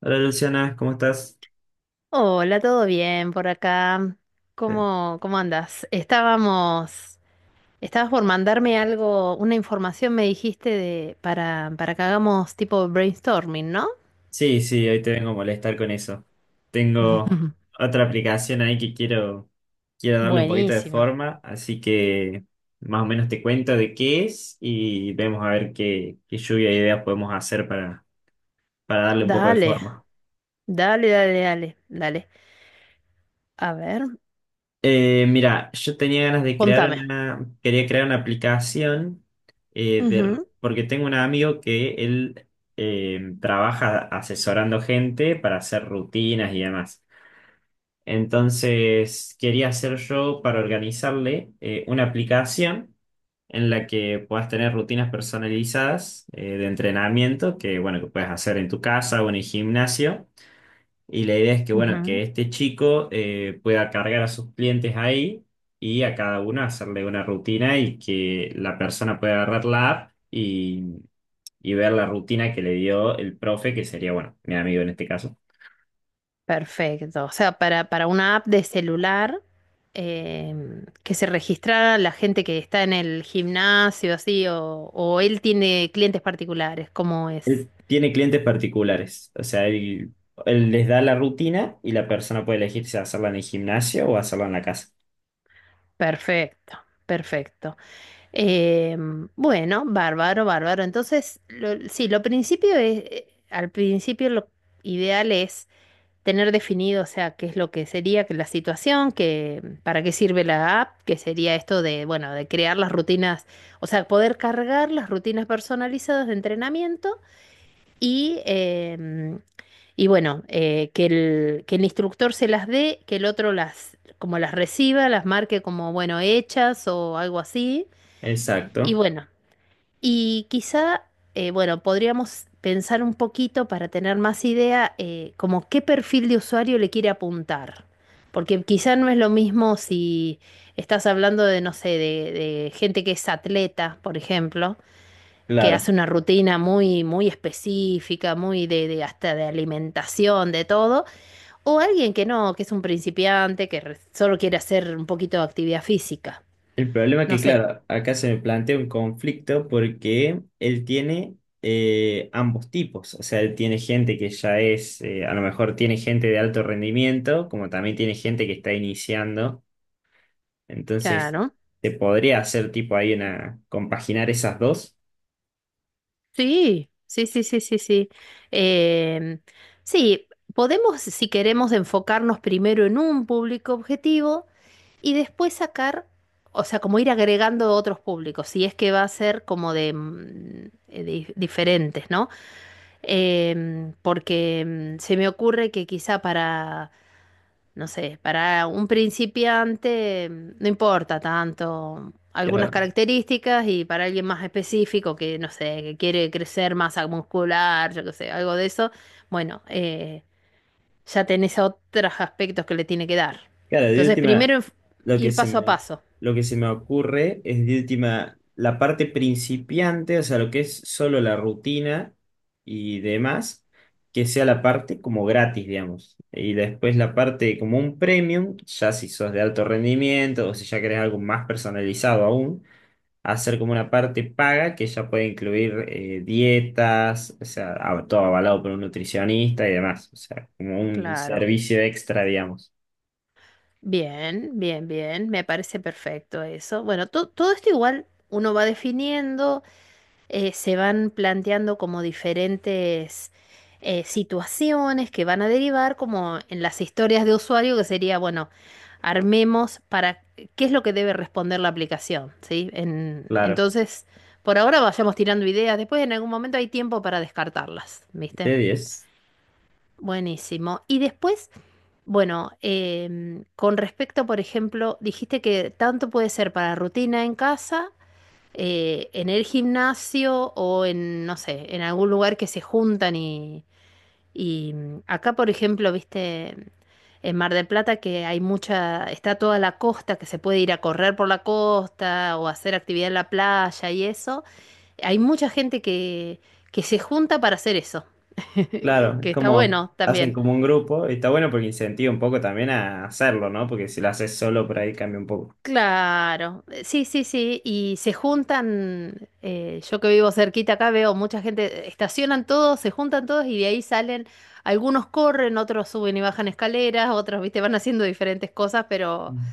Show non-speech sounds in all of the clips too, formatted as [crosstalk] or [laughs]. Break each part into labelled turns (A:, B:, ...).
A: Hola Luciana, ¿cómo estás?
B: Hola, ¿todo bien por acá?
A: Eh,
B: ¿Cómo, cómo andas? Estabas por mandarme algo, una información me dijiste de, para que hagamos tipo brainstorming, ¿no?
A: Sí, sí, hoy te vengo a molestar con eso. Tengo
B: [laughs]
A: otra aplicación ahí que quiero darle un poquito de
B: Buenísimo.
A: forma, así que más o menos te cuento de qué es y vemos a ver qué, qué lluvia de ideas podemos hacer para darle un poco de
B: Dale,
A: forma.
B: dale, dale, dale, dale. A ver,
A: Mira, yo tenía ganas de crear
B: contame.
A: una, quería crear una aplicación
B: Ujú,
A: porque tengo un amigo que él trabaja asesorando gente para hacer rutinas y demás. Entonces, quería hacer yo para organizarle una aplicación en la que puedas tener rutinas personalizadas de entrenamiento que, bueno, que puedes hacer en tu casa o en el gimnasio. Y la idea es que, bueno,
B: ujú.
A: que este chico pueda cargar a sus clientes ahí y a cada uno hacerle una rutina y que la persona pueda agarrar la app y ver la rutina que le dio el profe, que sería, bueno, mi amigo en este caso.
B: Perfecto. O sea, para una app de celular que se registra la gente que está en el gimnasio, así, o él tiene clientes particulares, ¿cómo es?
A: Él tiene clientes particulares, o sea, él les da la rutina y la persona puede elegir si hacerla en el gimnasio o hacerla en la casa.
B: Perfecto, perfecto. Bueno, bárbaro, bárbaro. Entonces, sí, lo principio es, al principio lo ideal es tener definido, o sea, qué es lo que sería que la situación, que para qué sirve la app, que sería esto de, bueno, de crear las rutinas, o sea, poder cargar las rutinas personalizadas de entrenamiento y, eh, y bueno, que el instructor se las dé, que el otro las, como las reciba, las marque como, bueno, hechas o algo así. Y
A: Exacto,
B: bueno, y quizá, bueno, podríamos pensar un poquito para tener más idea, como qué perfil de usuario le quiere apuntar. Porque quizá no es lo mismo si estás hablando de, no sé, de gente que es atleta, por ejemplo, que
A: claro.
B: hace una rutina muy, muy específica, muy de hasta de alimentación, de todo, o alguien que no, que es un principiante, solo quiere hacer un poquito de actividad física.
A: El problema es
B: No
A: que,
B: sé,
A: claro, acá se me plantea un conflicto porque él tiene ambos tipos, o sea, él tiene gente que ya es, a lo mejor tiene gente de alto rendimiento, como también tiene gente que está iniciando, entonces
B: claro.
A: se podría hacer tipo ahí una, compaginar esas dos.
B: Sí, sí, sí, sí, sí, sí. Em, sí, podemos, si queremos, enfocarnos primero en un público objetivo y después sacar, o sea, como ir agregando otros públicos, si es que va a ser como de, diferentes, ¿no? Porque mm, se me ocurre que quizá para no sé, para un principiante mm, no importa tanto algunas características y para alguien más específico que, no sé, que quiere crecer masa muscular, yo qué sé, algo de eso, bueno, eh, ya tenés otros aspectos que le tiene que dar.
A: Claro, de
B: Entonces,
A: última,
B: primero enf-
A: lo que
B: Ir
A: se
B: paso a
A: me, o-
B: paso.
A: lo que se me ocurre es de última la parte principiante, o sea, lo que es solo la rutina y demás, que sea la parte como gratis, digamos. Y después la parte como un premium, ya si sos de alto rendimiento o si ya querés algo más personalizado aún, hacer como una parte paga que ya puede incluir dietas, o sea, todo avalado por un nutricionista y demás, o sea, como un
B: Claro.
A: servicio extra, digamos.
B: Bien, bien, bien. Me parece perfecto eso. Todo esto igual uno va definiendo. Se van planteando como diferentes situaciones que van a derivar como en las historias de usuario, que sería, bueno, armemos para qué es lo que debe responder la aplicación, ¿sí?
A: Claro.
B: Entonces, por ahora vayamos tirando ideas, después en algún momento hay tiempo para descartarlas, ¿viste?
A: De diez.
B: Buenísimo. Y después, bueno, con respecto, por ejemplo, dijiste que tanto puede ser para rutina en casa, en el gimnasio o en, no sé, en algún lugar que se juntan acá, por ejemplo, viste, en Mar del Plata que hay mucha, está toda la costa, que se puede ir a correr por la costa o hacer actividad en la playa y eso. Hay mucha gente que se junta para hacer eso, [laughs] que
A: Claro, es
B: está
A: como
B: bueno
A: hacen
B: también.
A: como un grupo y está bueno porque incentiva un poco también a hacerlo, ¿no? Porque si lo haces solo por ahí cambia un poco.
B: Claro, sí, sí, sí, y se juntan, yo que vivo cerquita acá veo mucha gente, estacionan todos, se juntan todos y de ahí salen, algunos corren, otros suben y bajan escaleras, otros, viste, van haciendo diferentes cosas,
A: Mm.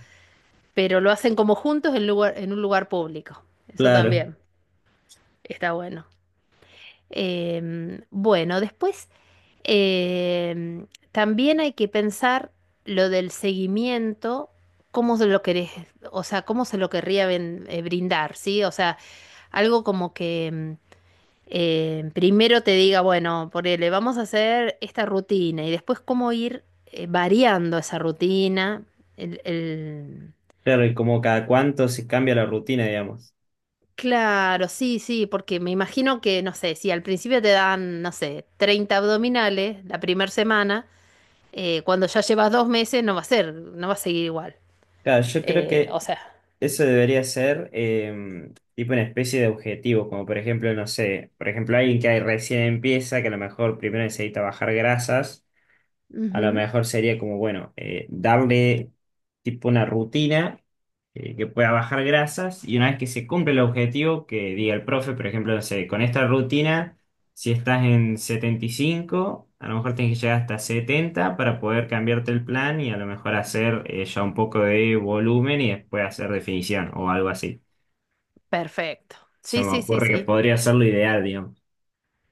B: pero lo hacen como juntos en lugar, en un lugar público. Eso
A: Claro,
B: también está bueno. Bueno, después em, también hay que pensar lo del seguimiento, cómo se lo querés, o sea, cómo se lo querría ven- brindar, ¿sí? O sea, algo como que primero te diga, bueno, ponele, vamos a hacer esta rutina y después cómo ir variando esa rutina, el,
A: claro, y como cada cuánto se cambia la rutina, digamos.
B: claro, sí, sí, porque me imagino que, no sé, si al principio te dan, no sé, 30 abdominales la primera semana, cuando ya llevas 2 meses no va a ser, no va a seguir igual.
A: Claro, yo creo
B: Eh,
A: que
B: o sea,
A: eso debería ser tipo una especie de objetivo, como por ejemplo, no sé, por ejemplo, alguien que ahí recién empieza, que a lo mejor primero necesita bajar grasas. A lo
B: ujú,
A: mejor sería como, bueno, darle tipo una rutina que pueda bajar grasas y una vez que se cumple el objetivo, que diga el profe, por ejemplo, no sé, con esta rutina, si estás en 75 a lo mejor tienes que llegar hasta 70 para poder cambiarte el plan y a lo mejor hacer ya un poco de volumen y después hacer definición o algo así.
B: perfecto.
A: Se
B: Sí,
A: me
B: sí, sí,
A: ocurre que
B: sí.
A: podría ser lo ideal, digamos.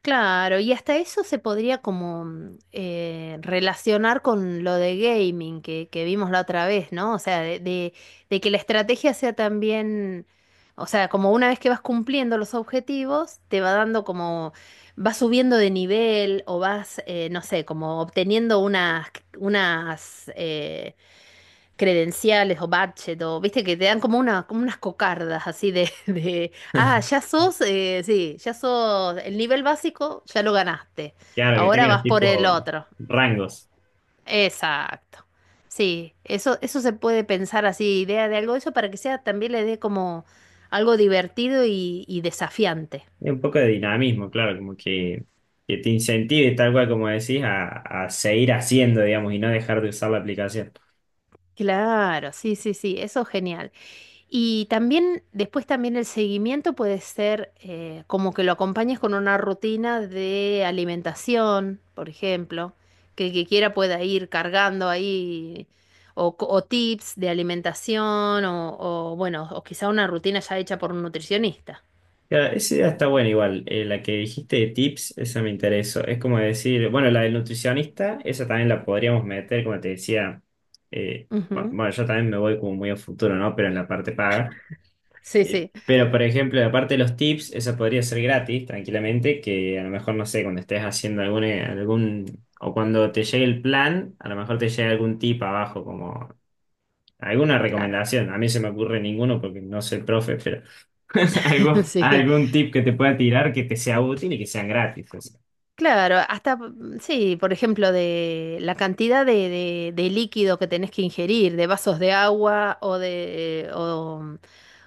B: Claro, y hasta eso se podría como relacionar con lo de gaming que vimos la otra vez, ¿no? O sea, de, de que la estrategia sea también, o sea, como una vez que vas cumpliendo los objetivos, te va dando como, vas subiendo de nivel o vas, no sé, como obteniendo unas, unas eh, credenciales o badge o viste que te dan como una, como unas cocardas así de, [laughs] de ah,
A: [laughs]
B: ya sos, sí, ya sos el nivel básico, ya lo ganaste.
A: Claro, que
B: Ahora
A: tengas
B: vas por el
A: tipo
B: otro.
A: rangos.
B: Exacto. Sí, eso se puede pensar así, idea de algo de eso para que sea también le dé como algo divertido y desafiante.
A: Y un poco de dinamismo, claro, como que te incentive, tal cual como decís, a seguir haciendo, digamos, y no dejar de usar la aplicación.
B: Claro, sí, sí, sí, eso es genial. Y también, después también el seguimiento puede ser como que lo acompañes con una rutina de alimentación, por ejemplo, que el que quiera pueda ir cargando ahí, o tips de alimentación, o, bueno, o quizá una rutina ya hecha por un nutricionista.
A: Claro, esa idea está buena igual. La que dijiste de tips, esa me interesó. Es como decir, bueno, la del nutricionista, esa también la podríamos meter, como te decía, eh,
B: Ujú.
A: bueno, yo también me voy como muy a futuro, ¿no? Pero en la parte paga.
B: Sí, sí,
A: Pero, por ejemplo, aparte de los tips, eso podría ser gratis, tranquilamente, que a lo mejor, no sé, cuando estés haciendo o cuando te llegue el plan, a lo mejor te llegue algún tip abajo, como alguna
B: claro.
A: recomendación. A mí se me ocurre ninguno porque no soy profe, pero [laughs]
B: [laughs]
A: algo,
B: Sí,
A: algún tip que te pueda tirar que te sea útil y que sean gratis. O sea.
B: claro, hasta, mm, sí, por ejemplo, de la cantidad de, de líquido que tenés que ingerir, de vasos de agua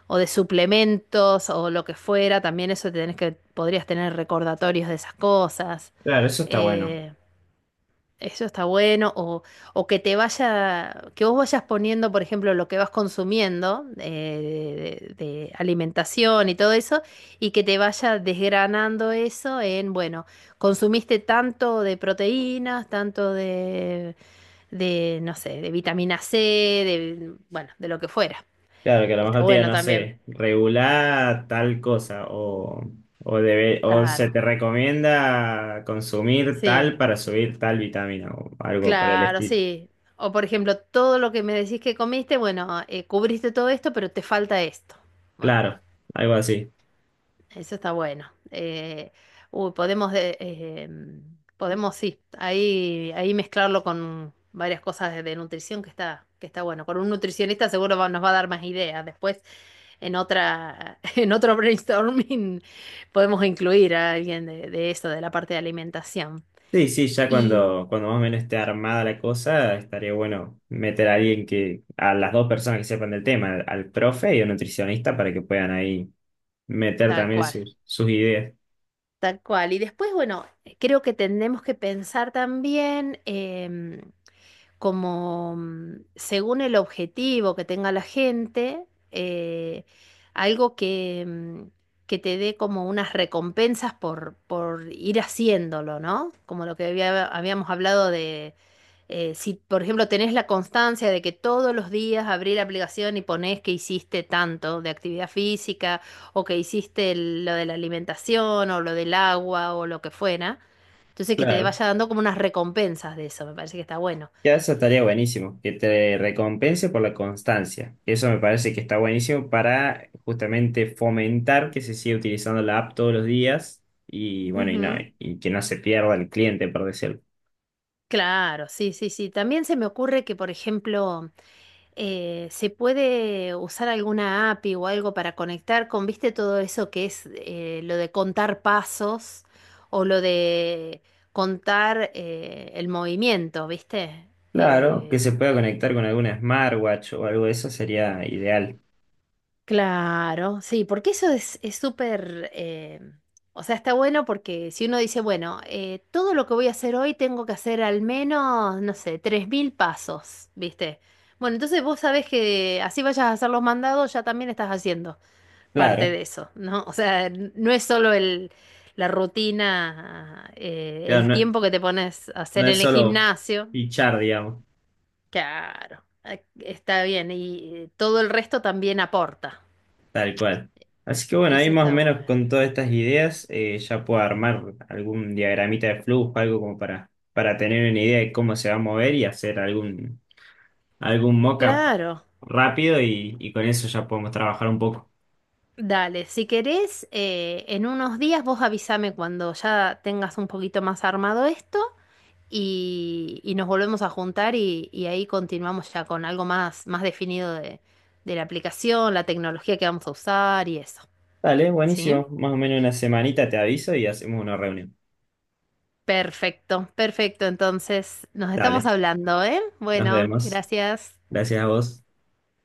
B: o de suplementos o lo que fuera, también eso tenés que, podrías tener recordatorios de esas cosas.
A: Claro, eso está bueno.
B: Eh, Eso está bueno, o que te vaya, que vos vayas poniendo, por ejemplo, lo que vas consumiendo de alimentación y todo eso, y que te vaya desgranando eso en, bueno, consumiste tanto de proteínas, tanto de, no sé, de vitamina C, de, bueno, de lo que fuera.
A: Claro, que a lo
B: Está
A: mejor te diga,
B: bueno
A: no
B: también.
A: sé, regular tal cosa o se
B: Claro,
A: te recomienda consumir
B: sí.
A: tal para subir tal vitamina o algo por el
B: Claro,
A: estilo.
B: sí. O por ejemplo, todo lo que me decís que comiste, bueno, cubriste todo esto, pero te falta esto. Bueno,
A: Claro, algo así.
B: eso está bueno. Uy, podemos, de- eh, Podemos, sí, ahí, ahí mezclarlo con varias cosas de nutrición que está bueno. Con un nutricionista seguro nos va a dar más ideas. Después, en otra, [laughs] en otro brainstorming, podemos incluir a alguien de eso, de la parte de alimentación.
A: Sí, sí, ya
B: Y
A: cuando más o menos esté armada la cosa, estaría bueno meter a alguien que, a las dos personas que sepan del tema, al profe y al nutricionista para que puedan ahí meter
B: tal
A: también
B: cual.
A: sus, sus ideas.
B: Tal cual. Y después, bueno, creo que tenemos que pensar también, como mm, según el objetivo que tenga la gente, eh, algo que, que te dé como unas recompensas por ir haciéndolo, ¿no? Como lo que habíamos hablado de, si por ejemplo tenés la constancia de que todos los días abrí la aplicación y ponés que hiciste tanto de actividad física o que hiciste lo de la alimentación o lo del agua o lo que fuera. Entonces que te
A: Claro.
B: vaya dando como unas recompensas de eso, me parece que está bueno.
A: Ya eso estaría buenísimo, que te recompense por la constancia. Eso me parece que está buenísimo para justamente fomentar que se siga utilizando la app todos los días y bueno, y no,
B: Ujú,
A: y que no se pierda el cliente, por decirlo.
B: claro, sí, sí, sí. También se me ocurre que, por ejemplo, se puede usar alguna API o algo para conectar con, viste, todo eso que es lo de contar pasos o lo de contar el movimiento, viste.
A: Claro, que
B: Eh,
A: se pueda conectar con alguna smartwatch o algo de eso sería ideal.
B: Claro, sí, porque eso es súper, o sea, está bueno porque si uno dice, bueno, todo lo que voy a hacer hoy tengo que hacer al menos, no sé, 3.000 pasos, ¿viste? Bueno, entonces vos sabés que así vayas a hacer los mandados, ya también estás haciendo parte
A: Claro,
B: de eso, ¿no? O sea, no es solo el, la rutina,
A: claro,
B: el tiempo que te pones a
A: no
B: hacer
A: es
B: en el
A: solo
B: gimnasio,
A: fichar, digamos.
B: claro, está bien, y todo el resto también aporta,
A: Tal cual. Así que bueno, ahí
B: eso
A: más o
B: está
A: menos con
B: bueno.
A: todas estas ideas ya puedo armar algún diagramita de flujo, algo como para tener una idea de cómo se va a mover y hacer algún mock-up
B: Claro,
A: rápido y con eso ya podemos trabajar un poco.
B: dale, si querés, en unos días vos avísame cuando ya tengas un poquito más armado esto y nos volvemos a juntar y ahí continuamos ya con algo más, más definido de la aplicación, la tecnología que vamos a usar y eso,
A: Dale,
B: ¿sí?
A: buenísimo. Más o menos una semanita te aviso y hacemos una reunión.
B: Perfecto, perfecto, entonces nos estamos
A: Dale,
B: hablando, ¿eh?
A: nos
B: Bueno,
A: vemos.
B: gracias.
A: Gracias a vos.